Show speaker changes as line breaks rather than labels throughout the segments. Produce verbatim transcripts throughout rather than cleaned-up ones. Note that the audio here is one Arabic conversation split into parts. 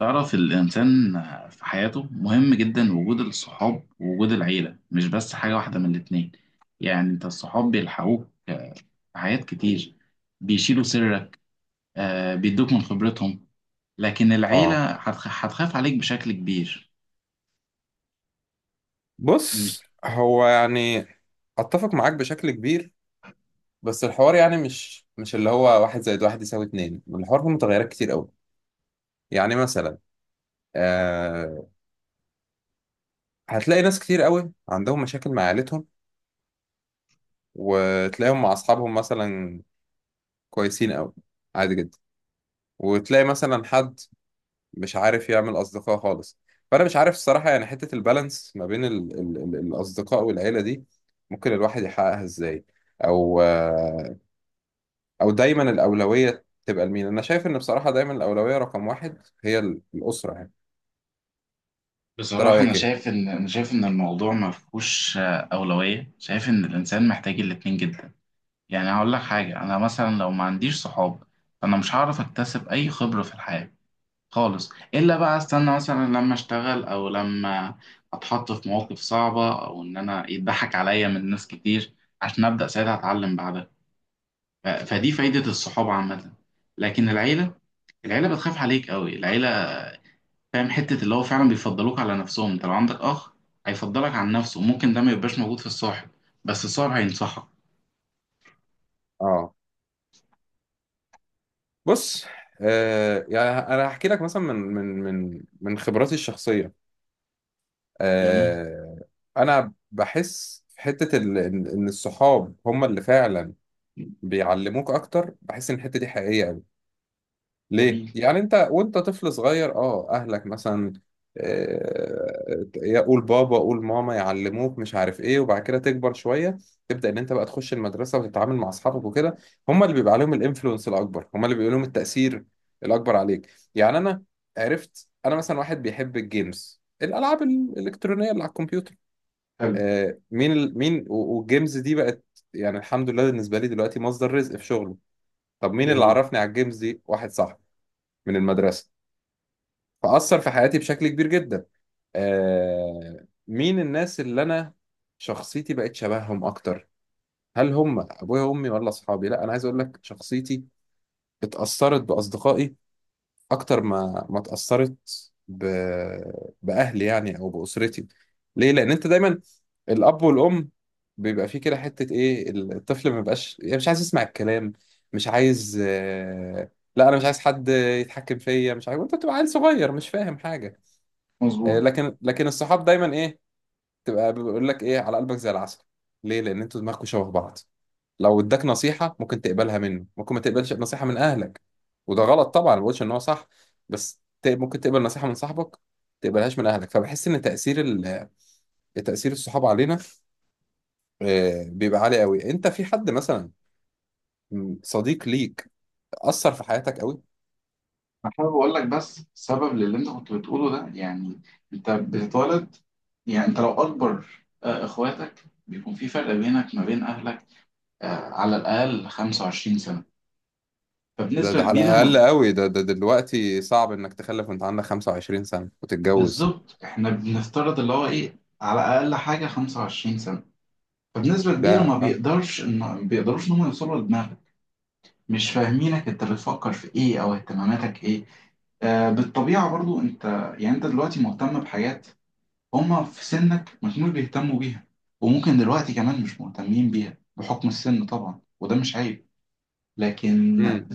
تعرف الإنسان في حياته مهم جدا، وجود الصحاب ووجود العيلة مش بس حاجة واحدة من الاتنين. يعني أنت الصحاب بيلحقوك في حاجات كتير، بيشيلوا سرك، آه، بيدوك من خبرتهم. لكن
اه.
العيلة هتخ- هتخاف عليك بشكل كبير. مش.
بص هو يعني اتفق معاك بشكل كبير. بس الحوار يعني مش مش اللي هو واحد زائد واحد يساوي اتنين، الحوار فيه متغيرات كتير قوي. يعني مثلا، آه هتلاقي ناس كتير قوي عندهم مشاكل مع عيلتهم، وتلاقيهم مع اصحابهم مثلا كويسين قوي، عادي جدا. وتلاقي مثلا حد مش عارف يعمل اصدقاء خالص. فانا مش عارف الصراحة، يعني حتة البالانس ما بين ال ال ال الاصدقاء والعيلة دي ممكن الواحد يحققها ازاي؟ او آه، او دايما الاولويه تبقى لمين؟ انا شايف ان بصراحه دايما الاولويه رقم واحد هي ال- الاسره يعني. انت
بصراحة أنا
رايك ايه؟
شايف إن أنا شايف إن الموضوع ما فيهوش آه، أولوية، شايف إن الإنسان محتاج الاتنين جدا. يعني هقول لك حاجة، أنا مثلا لو ما عنديش صحاب فأنا مش هعرف أكتسب أي خبرة في الحياة خالص، الا بقى استنى مثلا لما اشتغل او لما اتحط في مواقف صعبه، او ان انا يضحك عليا من ناس كتير عشان ابدا ساعتها اتعلم بعدها. ف- فدي فايده الصحابه عامه. لكن العيله العيله بتخاف عليك قوي، العيله فاهم حته اللي هو فعلا بيفضلوك على نفسهم. انت لو عندك اخ هيفضلك عن نفسه، ممكن ده ما يبقاش موجود في الصاحب، بس الصاحب هينصحك.
اه. بص، آه يعني انا هحكي لك مثلا من من من من خبراتي الشخصيه.
جميل.
آه انا بحس في حته ال- ان إن الصحاب هم اللي فعلا بيعلموك اكتر. بحس ان الحته دي حقيقيه قوي. ليه؟
جميل.
يعني انت وانت طفل صغير، اه اهلك مثلا، آه، يقول بابا قول ماما، يعلموك مش عارف ايه. وبعد كده تكبر شويه، تبدا ان انت بقى تخش المدرسه وتتعامل مع اصحابك وكده. هم اللي بيبقى عليهم الانفلونس الاكبر، هم اللي بيبقى لهم التاثير الاكبر عليك. يعني انا عرفت انا مثلا واحد بيحب الجيمز، الالعاب الالكترونيه اللي على الكمبيوتر.
حلو.
آه، مين ال... مين و- والجيمز دي بقت يعني الحمد لله بالنسبه لي دلوقتي مصدر رزق في شغله. طب مين اللي
جميل.
عرفني على الجيمز دي؟ واحد صاحبي من المدرسه. فأثر في حياتي بشكل كبير جدا. آه مين الناس اللي أنا شخصيتي بقت شبههم أكتر؟ هل هم أبويا وأمي ولا أصحابي؟ لا، أنا عايز أقول لك شخصيتي اتأثرت بأصدقائي أكتر ما ما اتأثرت ب... بأهلي يعني، أو بأسرتي. ليه؟ لأن أنت دايما الأب والأم بيبقى فيه كده حتة إيه، الطفل ما بيبقاش يعني مش عايز يسمع الكلام، مش عايز. آه... لا، أنا مش عايز حد يتحكم فيا، مش عايز. وأنت بتبقى عيل صغير مش فاهم حاجة. آه،
مظبوط.
لكن لكن الصحاب دايما ايه؟ تبقى بيقول لك ايه على قلبك زي العسل. ليه؟ لان انتوا دماغكم شبه بعض. لو اداك نصيحه ممكن تقبلها منه، ممكن ما تقبلش نصيحه من اهلك. وده غلط طبعا، ما بقولش ان هو صح، بس ت- ممكن تقبل نصيحه من صاحبك، تقبلهاش من اهلك. فبحس ان تاثير ال- تاثير الصحاب علينا آه، بيبقى عالي قوي. انت في حد مثلا، م، صديق ليك، اثر في حياتك قوي؟
انا حابب اقول لك بس سبب للي انت كنت بتقوله ده، يعني انت بتتولد، يعني انت لو اكبر آه، اخواتك، بيكون في فرق بينك ما بين اهلك آه، على الاقل خمسة وعشرين سنه.
ده, ده
فبنسبه
على
كبيره ما-
الاقل قوي، ده, ده دلوقتي صعب انك تخلف وانت عندك خمسة وعشرين سنة سنه وتتجوز.
بالظبط، احنا بنفترض اللي هو ايه، على اقل حاجه خمسة وعشرين سنه. فبنسبه
ده.
كبيره ما بيقدرش ان ما بيقدروش ان هم يوصلوا لدماغك، مش فاهمينك انت بتفكر في ايه او اهتماماتك ايه. آه، بالطبيعة برضو انت يعني انت دلوقتي مهتم بحاجات هما في سنك ما كانوش بيهتموا بيها، وممكن دلوقتي كمان مش مهتمين بيها بحكم السن طبعا، وده مش عيب. لكن
اه.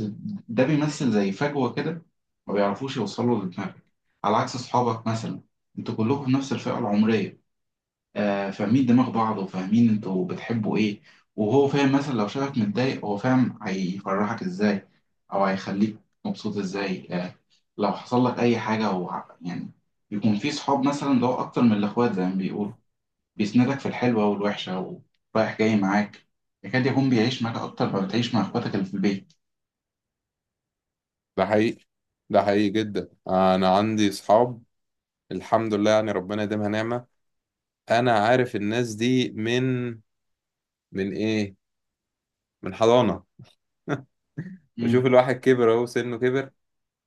ده بيمثل زي فجوة كده، ما بيعرفوش يوصلوا لدماغك، على عكس أصحابك مثلا، انتوا كلكم في نفس الفئة العمرية، آه فاهمين دماغ بعض، وفاهمين انتوا بتحبوا ايه. وهو فاهم مثلا لو شافك متضايق، هو فاهم هيفرحك ازاي او هيخليك مبسوط ازاي. آه لو حصل لك اي حاجة هو يعني يكون في صحاب مثلا، ده هو اكتر من الاخوات زي ما بيقولوا، بيسندك في الحلوة والوحشة، ورايح جاي معاك، يكاد يكون بيعيش معاك أكتر ما بتعيش مع إخواتك اللي في البيت.
ده حقيقي، ده حقيقي جدا. انا عندي اصحاب الحمد لله يعني، ربنا يديمها نعمة. انا عارف الناس دي من من ايه من حضانة.
امم.
بشوف الواحد كبر، اهو سنه كبر.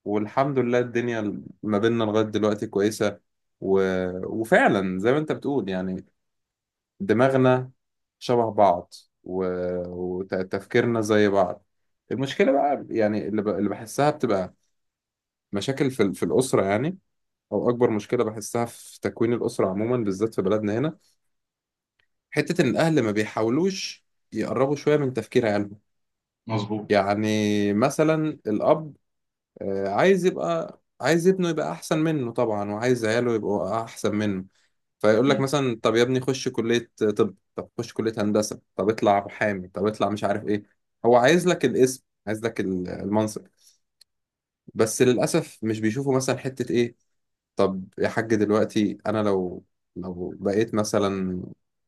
والحمد لله الدنيا ما بيننا لغاية دلوقتي كويسة. و... وفعلا زي ما انت بتقول يعني دماغنا شبه بعض، و... وتفكيرنا زي بعض. المشكلة بقى، يعني اللي, ب... اللي بحسها بتبقى مشاكل في, ال- في الأسرة يعني، او اكبر مشكله بحسها في تكوين الاسره عموما بالذات في بلدنا هنا، حته ان الاهل ما بيحاولوش يقربوا شويه من تفكير عيالهم.
مظبوط.
يعني مثلا الاب، آه، عايز يبقى عايز ابنه يبقى احسن منه طبعا، وعايز عياله يبقوا احسن منه. فيقول لك
أكيد.
مثلا طب يا ابني خش كليه، طب طب خش كليه هندسه، طب اطلع محامي، طب اطلع مش عارف ايه. هو عايز لك الاسم، عايز لك ال- المنصب. بس للاسف مش بيشوفوا مثلا حته ايه. طب يا حاج، دلوقتي انا لو لو بقيت مثلا،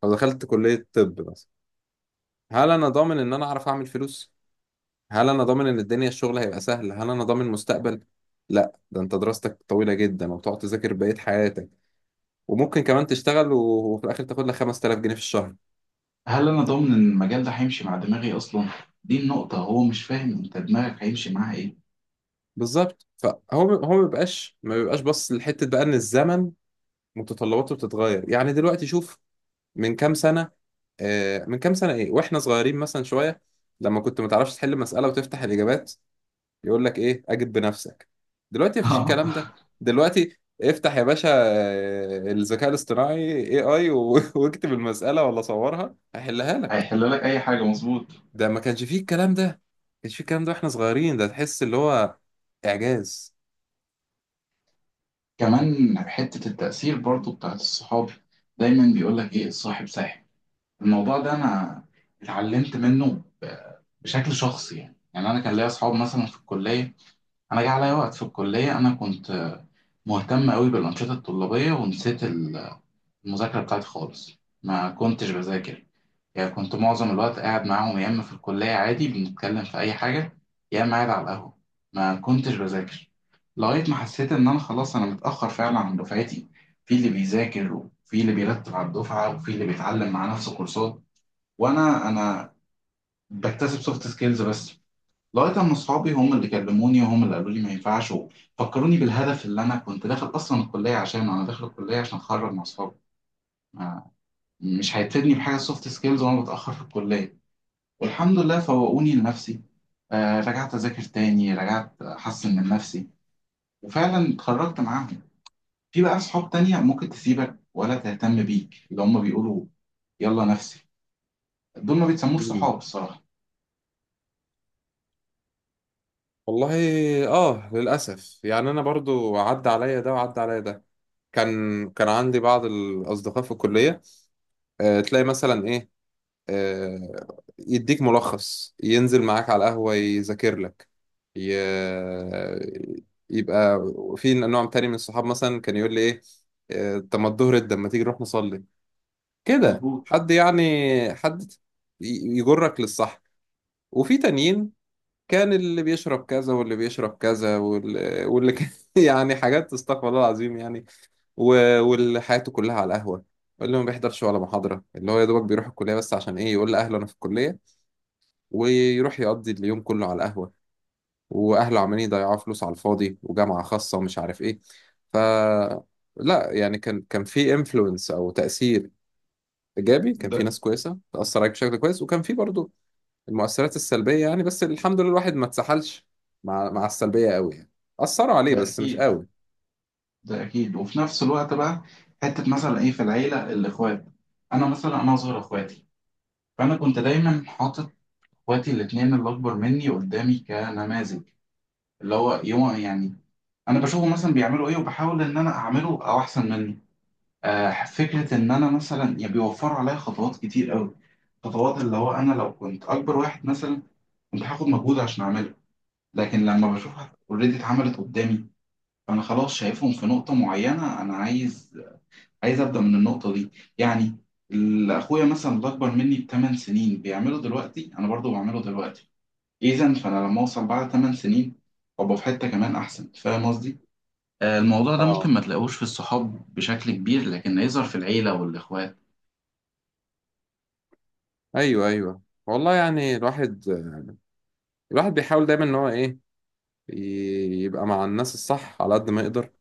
لو دخلت كلية طب مثلا، هل انا ضامن ان انا اعرف اعمل فلوس؟ هل انا ضامن ان الدنيا الشغل هيبقى سهل؟ هل انا ضامن مستقبل؟ لا، ده انت دراستك طويلة جدا، وتقعد تذاكر بقية حياتك، وممكن كمان تشتغل و- وفي الاخر تاخد لك خمستلاف جنيه في الشهر.
هل أنا ضامن إن المجال ده هيمشي مع دماغي أصلا؟ دي النقطة، هو مش فاهم أنت دماغك هيمشي معاها إيه.
بالظبط. فهو ب- هو ما بيبقاش ما بيبقاش بص لحتة بقى، ان الزمن متطلباته بتتغير. يعني دلوقتي شوف، من كام سنة، آه، من كام سنة إيه وإحنا صغيرين مثلا شوية، لما كنت ما تعرفش تحل مسألة وتفتح الإجابات، يقول لك إيه، أجب بنفسك. دلوقتي مفيش الكلام ده. دلوقتي افتح يا باشا آه، الذكاء الاصطناعي إيه آي و- واكتب المسألة ولا صورها هيحلها لك.
هيحل لك أي حاجة، مظبوط.
ده ما كانش فيه الكلام ده، ما كانش فيه الكلام ده وإحنا صغيرين. ده تحس اللي هو إعجاز.
كمان حتة التأثير برضو بتاعت الصحاب، دايما بيقولك إيه؟ الصاحب ساحب. الموضوع ده أنا اتعلمت منه ب- بشكل شخصي، يعني يعني أنا كان ليا أصحاب مثلا في الكلية. انا جه عليا وقت في الكليه، انا كنت مهتم قوي بالانشطه الطلابيه، ونسيت ال- المذاكره بتاعتي خالص، ما كنتش بذاكر. يعني كنت معظم الوقت قاعد معاهم، يا اما في الكليه عادي بنتكلم في اي حاجه، يا اما قاعد على القهوه، ما كنتش بذاكر، لغايه ما حسيت ان انا خلاص انا متاخر فعلا عن دفعتي. في اللي بيذاكر، وفي اللي بيرتب على الدفعه، وفي اللي بيتعلم مع نفسه كورسات، وانا انا بكتسب سوفت سكيلز بس، لغايه اما اصحابي هم اللي كلموني، وهم اللي قالوا لي ما ينفعش، وفكروني بالهدف اللي انا كنت داخل اصلا الكليه عشانه. انا داخل الكليه عشان اتخرج مع اصحابي، ما- مش هيفيدني بحاجه سوفت سكيلز وانا بتاخر في الكليه. والحمد لله فوقوني لنفسي، آه رجعت اذاكر تاني، رجعت احسن من نفسي، وفعلا اتخرجت معاهم. في بقى اصحاب تانية ممكن تسيبك ولا تهتم بيك، اللي هم بيقولوا يلا نفسي، دول ما بيتسموش صحاب
مم.
الصراحه.
والله. آه للأسف يعني أنا برضو عدى عليا ده، وعدى عليا ده. كان كان عندي بعض الأصدقاء في الكلية، آه، تلاقي مثلا ايه، آه، يديك ملخص، ينزل معاك على القهوة يذاكر لك، ي... يبقى. في نوع تاني من الصحاب مثلا كان يقول لي ايه، آه، طب ما الظهر ده ما تيجي نروح نصلي؟ كده،
مظبوط.
حد يعني، حد ي- يجرك للصح. وفي تانيين كان اللي بيشرب كذا واللي بيشرب كذا واللي, واللي كان يعني حاجات استغفر الله العظيم يعني و- وحياته كلها على القهوة، اللي ما بيحضرش ولا محاضرة، اللي هو يا دوبك بيروح الكلية بس عشان إيه؟ يقول لأهله أنا في الكلية، ويروح يقضي اليوم كله على القهوة. وأهله عمالين يضيعوا فلوس على الفاضي، وجامعة خاصة ومش عارف إيه. ف لا يعني كان كان في انفلونس أو تأثير إيجابي، كان
ده
في ناس كويسة تأثر عليك بشكل كويس، وكان في برضو المؤثرات السلبية يعني. بس الحمد لله الواحد ما اتسحلش مع مع السلبية قوي يعني، أثروا عليه
ده
بس مش
أكيد.
قوي.
ده اكيد. وفي نفس الوقت بقى، حته مثلا ايه؟ في العيله، الاخوات، انا مثلا انا اصغر اخواتي، فانا كنت دايما حاطط اخواتي الاثنين اللي اكبر مني قدامي كنماذج، اللي هو يوم يعني انا بشوفه مثلا بيعملوا ايه، وبحاول ان انا اعمله او احسن منه. آه فكره ان انا مثلا يعني بيوفروا عليا خطوات كتير قوي، خطوات اللي هو انا لو كنت اكبر واحد مثلا كنت هاخد مجهود عشان اعمله، لكن لما بشوفها اوريدي اتعملت قدامي، فانا خلاص شايفهم في نقطه معينه، انا عايز عايز ابدا من النقطه دي. يعني ال- اخويا مثلا اللي اكبر مني بثمان سنين بيعمله دلوقتي، انا برضو بعمله دلوقتي. اذا فانا لما اوصل بعد ثمان سنين ابقى في حته كمان احسن، فاهم قصدي؟ آه، الموضوع ده ممكن
اه.
ما تلاقوش في الصحاب بشكل كبير، لكن يظهر في العيله والاخوات.
ايوه، ايوه. والله، يعني الواحد الواحد بيحاول دايما ان هو ايه، ي- يبقى مع الناس الصح على قد ما يقدر،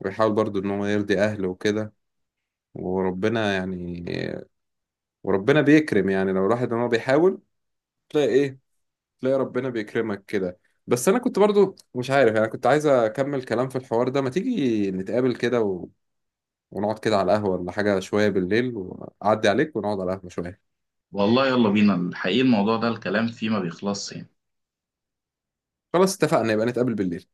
ويحاول برضو ان هو يرضي اهله وكده. وربنا يعني وربنا بيكرم يعني، لو الواحد ان هو بيحاول، تلاقي ايه تلاقي ربنا بيكرمك كده. بس انا كنت برضو مش عارف يعني، كنت عايز اكمل كلام في الحوار ده. ما تيجي نتقابل كده و... ونقعد كده على القهوة ولا حاجة شوية بالليل، وأعدي عليك ونقعد على القهوة شوية؟
والله يلا بينا الحقيقه، الموضوع ده الكلام فيه ما بيخلصش يعني.
خلاص اتفقنا، يبقى نتقابل بالليل.